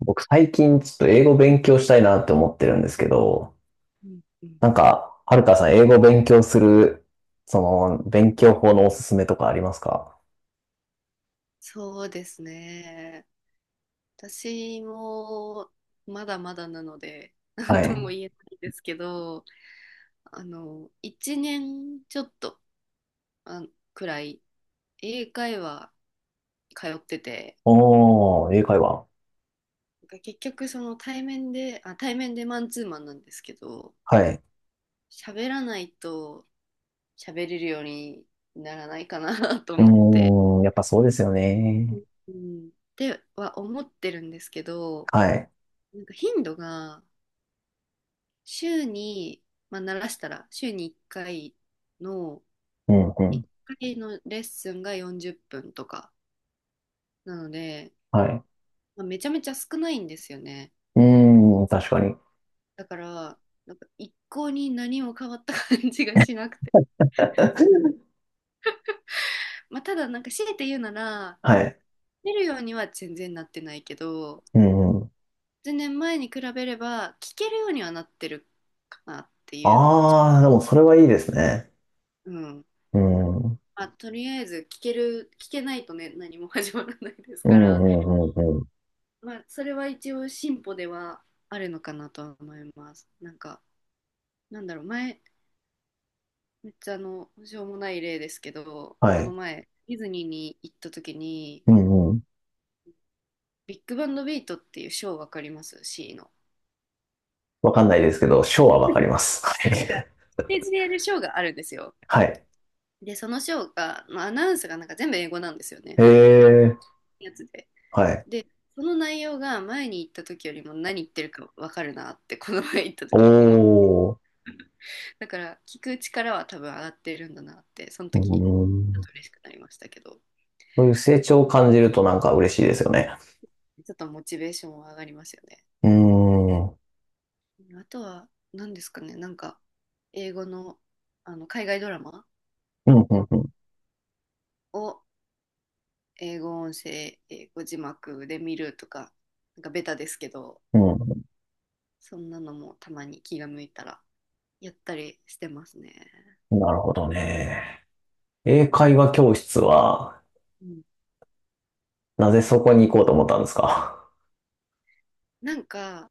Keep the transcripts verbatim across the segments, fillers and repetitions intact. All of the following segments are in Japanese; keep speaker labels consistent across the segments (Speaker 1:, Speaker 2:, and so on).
Speaker 1: 僕最近ちょっと英語勉強したいなって思ってるんですけど、
Speaker 2: うんうん。
Speaker 1: なんか、はるかさん英語勉強する、その、勉強法のおすすめとかありますか？
Speaker 2: そうですね。私もまだまだなので、なん
Speaker 1: は
Speaker 2: とも
Speaker 1: い。
Speaker 2: 言えないですけど、あの、いちねんちょっとあくらい英会話通ってて、
Speaker 1: おー、英会話。
Speaker 2: なんか結局その対面で、あ、対面でマンツーマンなんですけど、
Speaker 1: はい。
Speaker 2: 喋らないと喋れるようにならないかな と
Speaker 1: う
Speaker 2: 思って、
Speaker 1: ーん、やっぱそうですよね。
Speaker 2: うん、っては思ってるんですけど、
Speaker 1: はい。
Speaker 2: なんか頻度が週に、まあ、慣らしたら、週にいっかいの、
Speaker 1: うん、う
Speaker 2: 1
Speaker 1: ん。
Speaker 2: 回のレッスンがよんじゅっぷんとか。なので、
Speaker 1: はい。
Speaker 2: まあ、めちゃめちゃ少ないんですよね。
Speaker 1: うーん、確かに。
Speaker 2: だから、なんか一向に何も変わった感じがしなくて。まあ、ただ、なんか強いて言うなら、
Speaker 1: はい。
Speaker 2: 出るようには全然なってないけど、
Speaker 1: うん、うん。
Speaker 2: 全然前に比べれば、聞けるようにはなってるかなっていうのは、ちょ
Speaker 1: あー、でもそれはいいですね。
Speaker 2: うん。
Speaker 1: うん。うん、
Speaker 2: まあ、とりあえず聞ける、聞けないとね、何も始まらないです
Speaker 1: う
Speaker 2: から。
Speaker 1: ん、うん、うん。
Speaker 2: まあ、それは一応進歩ではあるのかなとは思います。なんか、なんだろう、前、めっちゃあの、しょうもない例ですけど、
Speaker 1: は
Speaker 2: この
Speaker 1: い。
Speaker 2: 前、ディズニーに行った時に、
Speaker 1: うん、うん。
Speaker 2: ビッグバンドビートっていうショーわかります？ C の。
Speaker 1: わかんないですけど、ショーはわかります。はい。
Speaker 2: なんか、ステージでやるショーがあるんですよ。
Speaker 1: はい。
Speaker 2: で、そのショーが、まあ、アナウンスがなんか全部英語なんですよね。
Speaker 1: へ
Speaker 2: 日
Speaker 1: え、
Speaker 2: 本のやつで。
Speaker 1: はい。
Speaker 2: で、その内容が前に行った時よりも何言ってるかわかるなって、この前行った
Speaker 1: お
Speaker 2: 時思っ
Speaker 1: ー、
Speaker 2: だから聞く力は多分上がってるんだなってその
Speaker 1: う
Speaker 2: 時
Speaker 1: ー
Speaker 2: ちょっ
Speaker 1: ん。
Speaker 2: と嬉しくなりましたけど。
Speaker 1: そういう成長を感じるとなんか嬉しいですよね。
Speaker 2: ちょっとモチベーションは上がりますよね。
Speaker 1: うーん。うん、
Speaker 2: あとは何ですかね。なんか英語のあの海外ドラマ
Speaker 1: うん、
Speaker 2: を英語音声英語字幕で見るとか、なんかベタですけど、
Speaker 1: うん。
Speaker 2: そんなのもたまに気が向いたらやったりしてますね。
Speaker 1: うん。なるほどね。英会話教室は、
Speaker 2: うん、
Speaker 1: なぜそこに行こうと思ったんですか？
Speaker 2: なんか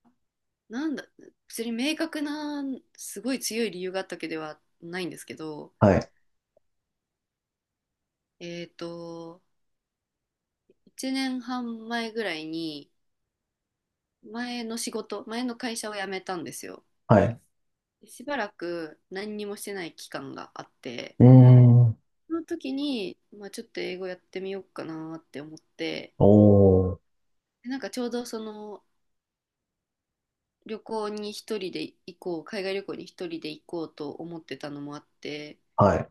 Speaker 2: なんだ別に明確な、すごい強い理由があったわけではないんですけど、
Speaker 1: はい、
Speaker 2: えっ、といちねんはん前ぐらいに前の仕事前の会社を辞めたんですよ。
Speaker 1: はい。
Speaker 2: しばらく何にもしてない期間があって、
Speaker 1: うーん。
Speaker 2: その時に、まあ、ちょっと英語やってみようかなって思って、
Speaker 1: おー、
Speaker 2: でなんかちょうどその旅行に一人で行こう海外旅行に一人で行こうと思ってたのもあって、
Speaker 1: はい。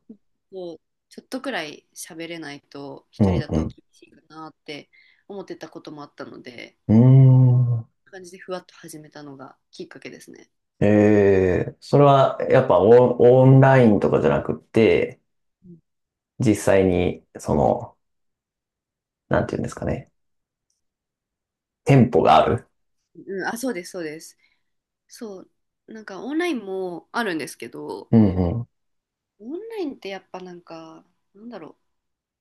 Speaker 2: もうちょっとくらい喋れないと
Speaker 1: う
Speaker 2: 一人だと
Speaker 1: ん、
Speaker 2: 厳しいかなって思ってたこともあったので、
Speaker 1: うん。うーん。
Speaker 2: 感じでふわっと始めたのがきっかけですね。
Speaker 1: えー、それはやっぱオン、オンラインとかじゃなくって、実際に、その、なんていうんですかね。店舗がある。
Speaker 2: うん、あ、そうです、そうです。そう、なんかオンラインもあるんですけど、
Speaker 1: うん
Speaker 2: オンラインってやっぱなんか、なんだろ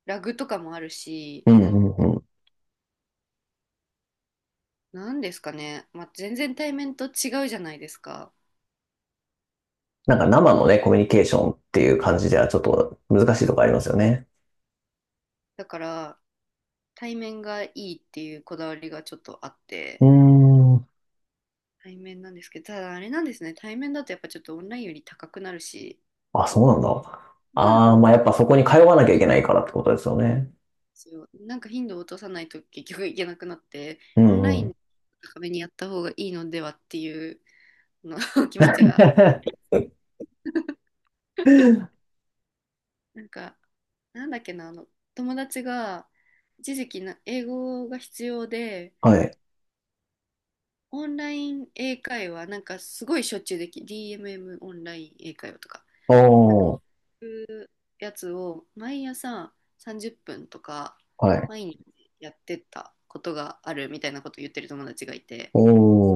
Speaker 2: う、ラグとかもあるし、
Speaker 1: うんうんうん。
Speaker 2: なんですかね、まあ、全然対面と違うじゃないですか。
Speaker 1: なんか生のね、コミュニケーションっていう感じではちょっと難しいとこありますよね。
Speaker 2: だから、対面がいいっていうこだわりがちょっとあっ
Speaker 1: う
Speaker 2: て、
Speaker 1: ーん。
Speaker 2: 対面なんですけど、ただあれなんですね、対面だとやっぱちょっとオンラインより高くなるし、
Speaker 1: あ、そうなんだ。
Speaker 2: う
Speaker 1: ああ、ま
Speaker 2: ん、
Speaker 1: あやっぱそこに通わなきゃいけないからってことですよね。
Speaker 2: そう、なんか頻度を落とさないと結局いけなくなって、
Speaker 1: う
Speaker 2: オンライ
Speaker 1: んうん。
Speaker 2: ン高めにやった方がいいのではっていう。の 気持ちが。なんか、なんだっけな、あの、友達が一時期な英語が必要で、
Speaker 1: はい。
Speaker 2: オンライン英会話、なんかすごいしょっちゅうでき、ディーエムエム オンライン英会話とか、
Speaker 1: お
Speaker 2: なんか
Speaker 1: お、
Speaker 2: そういうやつを毎朝さんじゅっぷんとか、
Speaker 1: はい。
Speaker 2: 毎日やってたことがあるみたいなことを言ってる友達がいて、
Speaker 1: お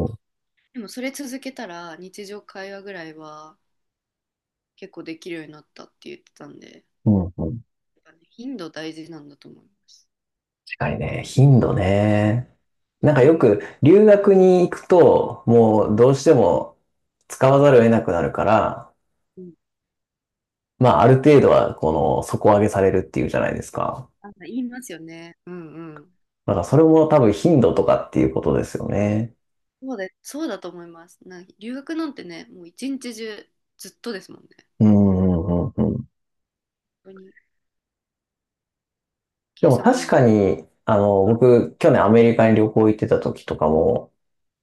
Speaker 1: お、
Speaker 2: でもそれ続けたら日常会話ぐらいは結構できるようになったって言ってたんで、
Speaker 1: うんうん。
Speaker 2: やっぱね頻度大事なんだと思います。
Speaker 1: 近いね。頻度ね。なんか
Speaker 2: う
Speaker 1: よ
Speaker 2: ん
Speaker 1: く留学に行くと、もうどうしても使わざるを得なくなるから、
Speaker 2: うん、
Speaker 1: まあある程度はこの底上げされるっていうじゃないですか。
Speaker 2: あ、言いますよね。うんうん。
Speaker 1: だからそれも多分頻度とかっていうことですよね。
Speaker 2: そうで、そうだと思います。なんか留学なんてね、もう一日中ずっとですもんね。
Speaker 1: うんうんうんうん。
Speaker 2: 本当に、
Speaker 1: で
Speaker 2: ケイ
Speaker 1: も
Speaker 2: さんはな
Speaker 1: 確
Speaker 2: んか、
Speaker 1: かに、あの、
Speaker 2: あ、
Speaker 1: 僕、去年アメリカに旅行行ってた時とかも、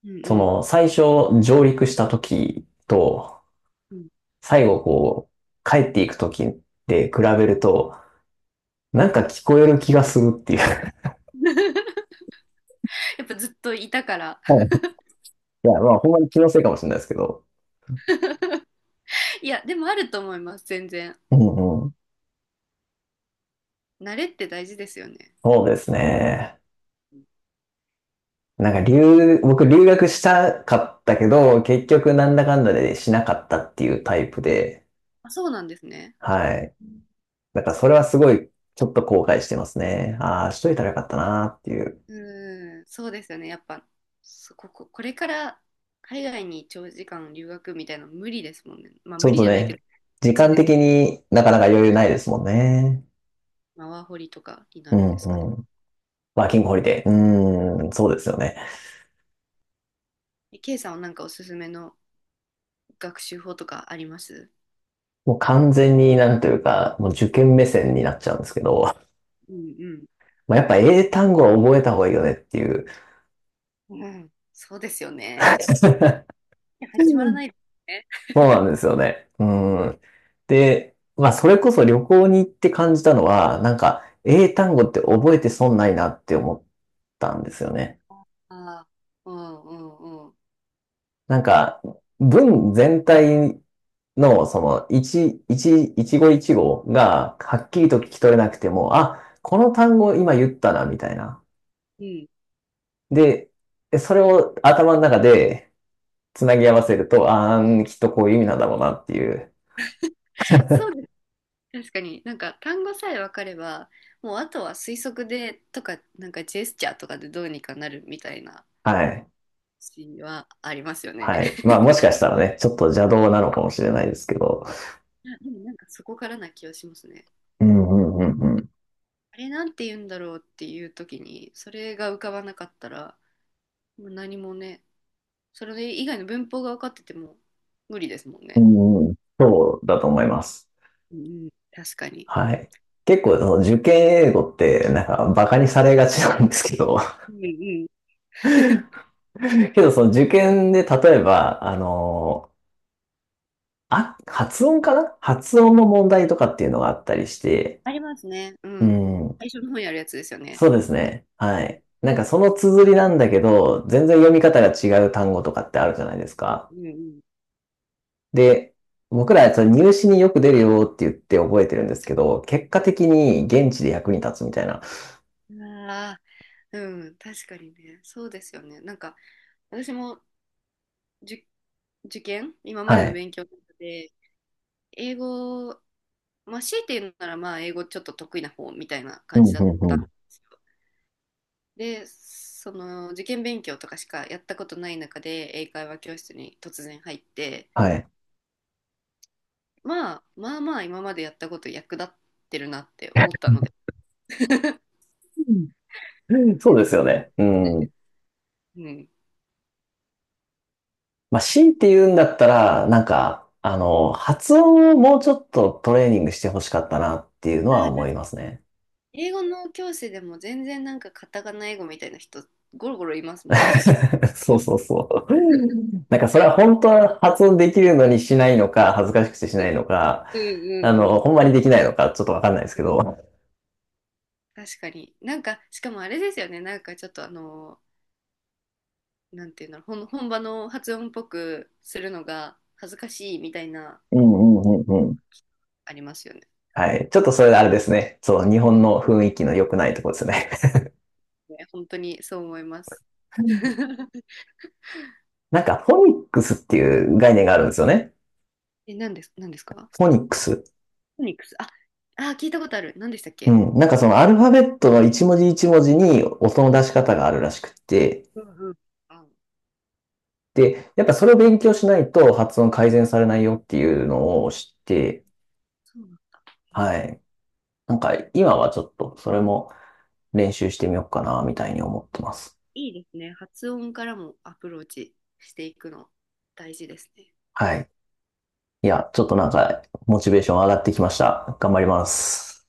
Speaker 2: うんう
Speaker 1: そ
Speaker 2: ん。
Speaker 1: の、最初上陸した時と、
Speaker 2: うん。
Speaker 1: 最後こう、帰っていく時で比べると、なんか聞こえる気がするっていう。
Speaker 2: やっぱずっといたから。
Speaker 1: はい。いや、まあ、ほんまに気のせいかもしれないですけど。
Speaker 2: いや、でもあると思います、全然。
Speaker 1: うんうん。
Speaker 2: 慣れって大事ですよね。
Speaker 1: そうですね。なんか留、僕留学したかったけど、結局なんだかんだでしなかったっていうタイプで、
Speaker 2: あ、そうなんですね。
Speaker 1: はい。だからそれはすごい、ちょっと後悔してますね。ああ、しといたらよかったなっていう。
Speaker 2: うん、そうですよね。やっぱ、そここ、これから海外に長時間留学みたいなの無理ですもんね。まあ
Speaker 1: ち
Speaker 2: 無
Speaker 1: ょっ
Speaker 2: 理
Speaker 1: と
Speaker 2: じゃないけど、
Speaker 1: ね、時
Speaker 2: いい
Speaker 1: 間
Speaker 2: です
Speaker 1: 的
Speaker 2: ね。
Speaker 1: になかなか余裕ないですもんね。
Speaker 2: まあワーホリとかにな
Speaker 1: う
Speaker 2: るん
Speaker 1: ん
Speaker 2: ですかね。
Speaker 1: うん。ワーキングホリデー。うーん、そうですよね。
Speaker 2: ケ K さんはなんかおすすめの学習法とかあります？
Speaker 1: もう完全になんというか、もう受験目線になっちゃうんですけど、
Speaker 2: うん
Speaker 1: まあ、やっぱ英単語は覚えた方がいいよねっていう。
Speaker 2: うん。うん、そうですよ ね。
Speaker 1: そ
Speaker 2: いや始まらないですね。
Speaker 1: うなんですよね。うん。で、まあそれこそ旅行に行って感じたのは、なんか英単語って覚えて損ないなって思ったんですよね。
Speaker 2: ああ、うんうんうん。
Speaker 1: なんか、文全体の、その、一、一、一語一語が、はっきりと聞き取れなくても、あ、この単語今言ったな、みたいな。
Speaker 2: うん。
Speaker 1: で、それを頭の中でつなぎ合わせると、あー、きっとこういう意味なんだろうなっていう。
Speaker 2: そうです。確かに、なんか単語さえ分かれば、もうあとは推測でとか、なんかジェスチャーとかでどうにかなるみたいな
Speaker 1: はい。
Speaker 2: シーンはありますよね。
Speaker 1: はい。まあ、もしかし たらね、ちょっと邪道なのかもしれないですけど。
Speaker 2: いやでもなんかそこからな気はしますね。
Speaker 1: うんうんうんうん。
Speaker 2: あれなんて言うんだろうっていう時に、それが浮かばなかったら、もう何もね、それ以外の文法が分かってても無理ですもん
Speaker 1: う
Speaker 2: ね。
Speaker 1: んうん、そうだと思います。
Speaker 2: うんうん、確かに。
Speaker 1: はい。結構、その受験英語って、なんか、バカにされがちなんですけど、
Speaker 2: うんうん、
Speaker 1: けど、その受験で、例えば、あの、あ、発音かな発音の問題とかっていうのがあったりして、
Speaker 2: ありますね。う
Speaker 1: う
Speaker 2: ん。
Speaker 1: ん、
Speaker 2: 最初の方やるやつですよね。
Speaker 1: そうですね。は
Speaker 2: う
Speaker 1: い。なんかその綴りなんだけど、全然読み方が違う単語とかってあるじゃないですか。
Speaker 2: ん
Speaker 1: で、僕らそれ入試によく出るよって言って覚えてるんですけど、結果的に現地で役に立つみたいな。
Speaker 2: うん。ああ、うん、確かにね。そうですよね。なんか、私もじ受験、今ま
Speaker 1: は
Speaker 2: での
Speaker 1: い。
Speaker 2: 勉強の中で、英語、まあ、強いて言うなら、まあ、英語ちょっと得意な方みたいな
Speaker 1: う
Speaker 2: 感じ
Speaker 1: ん、
Speaker 2: だ
Speaker 1: う
Speaker 2: っ
Speaker 1: ん、
Speaker 2: た
Speaker 1: う
Speaker 2: ん
Speaker 1: ん。
Speaker 2: ですよ。で、その、受験勉強とかしかやったことない中で、英会話教室に突然入って、
Speaker 1: はい。
Speaker 2: まあまあまあ今までやったこと役立ってるなって思ったので、
Speaker 1: そ
Speaker 2: 全
Speaker 1: うで
Speaker 2: 然
Speaker 1: すよね。う
Speaker 2: ないで
Speaker 1: ん。
Speaker 2: す、うん、
Speaker 1: まあ、強いて言うんだったら、なんか、あの、発音をもうちょっとトレーニングしてほしかったなっていうの
Speaker 2: あ
Speaker 1: は
Speaker 2: ー
Speaker 1: 思い
Speaker 2: 確か
Speaker 1: ます
Speaker 2: に
Speaker 1: ね。
Speaker 2: 英語の教師でも全然なんかカタカナ英語みたいな人ゴロゴロいますもんね。
Speaker 1: そうそうそう。なんかそれは本当は発音できるのにしないのか、恥ずかしくてし
Speaker 2: う
Speaker 1: ない
Speaker 2: ん
Speaker 1: のか、
Speaker 2: う
Speaker 1: あ
Speaker 2: ん
Speaker 1: の、
Speaker 2: うん
Speaker 1: ほんまにできないのか、ちょっとわかんないです
Speaker 2: う
Speaker 1: け
Speaker 2: ん、うん、
Speaker 1: ど。
Speaker 2: 確かに。なんかしかもあれですよね、なんかちょっとあのなんていうの本本場の発音っぽくするのが恥ずかしいみたいな
Speaker 1: うんうんうんうん。
Speaker 2: ありますよね。
Speaker 1: はい。ちょっとそれあれですね。そう、日
Speaker 2: うん、
Speaker 1: 本の雰囲気の良くないところですね。
Speaker 2: ね、本当にそう思います。
Speaker 1: なんか、フォニックスっていう概念があるんですよね。
Speaker 2: え、なんです、なんですか？
Speaker 1: フォニックス。
Speaker 2: フォニックス。あ、あ、聞いたことある。何でしたっ
Speaker 1: う
Speaker 2: け？
Speaker 1: ん。なんかそのアルファベットの一文字一文字に音の出し方があるらしくって、
Speaker 2: うんうん。あ、
Speaker 1: で、やっぱそれを勉強しないと発音改善されないよっていうのを知って、
Speaker 2: そうなんだ。へ
Speaker 1: は
Speaker 2: え、
Speaker 1: い。なんか今はちょっとそれも練習してみようかな、みたいに思ってます。
Speaker 2: いいですね。発音からもアプローチしていくの大事ですね。
Speaker 1: はい。いや、ちょっとなんかモチベーション上がってきました。頑張ります。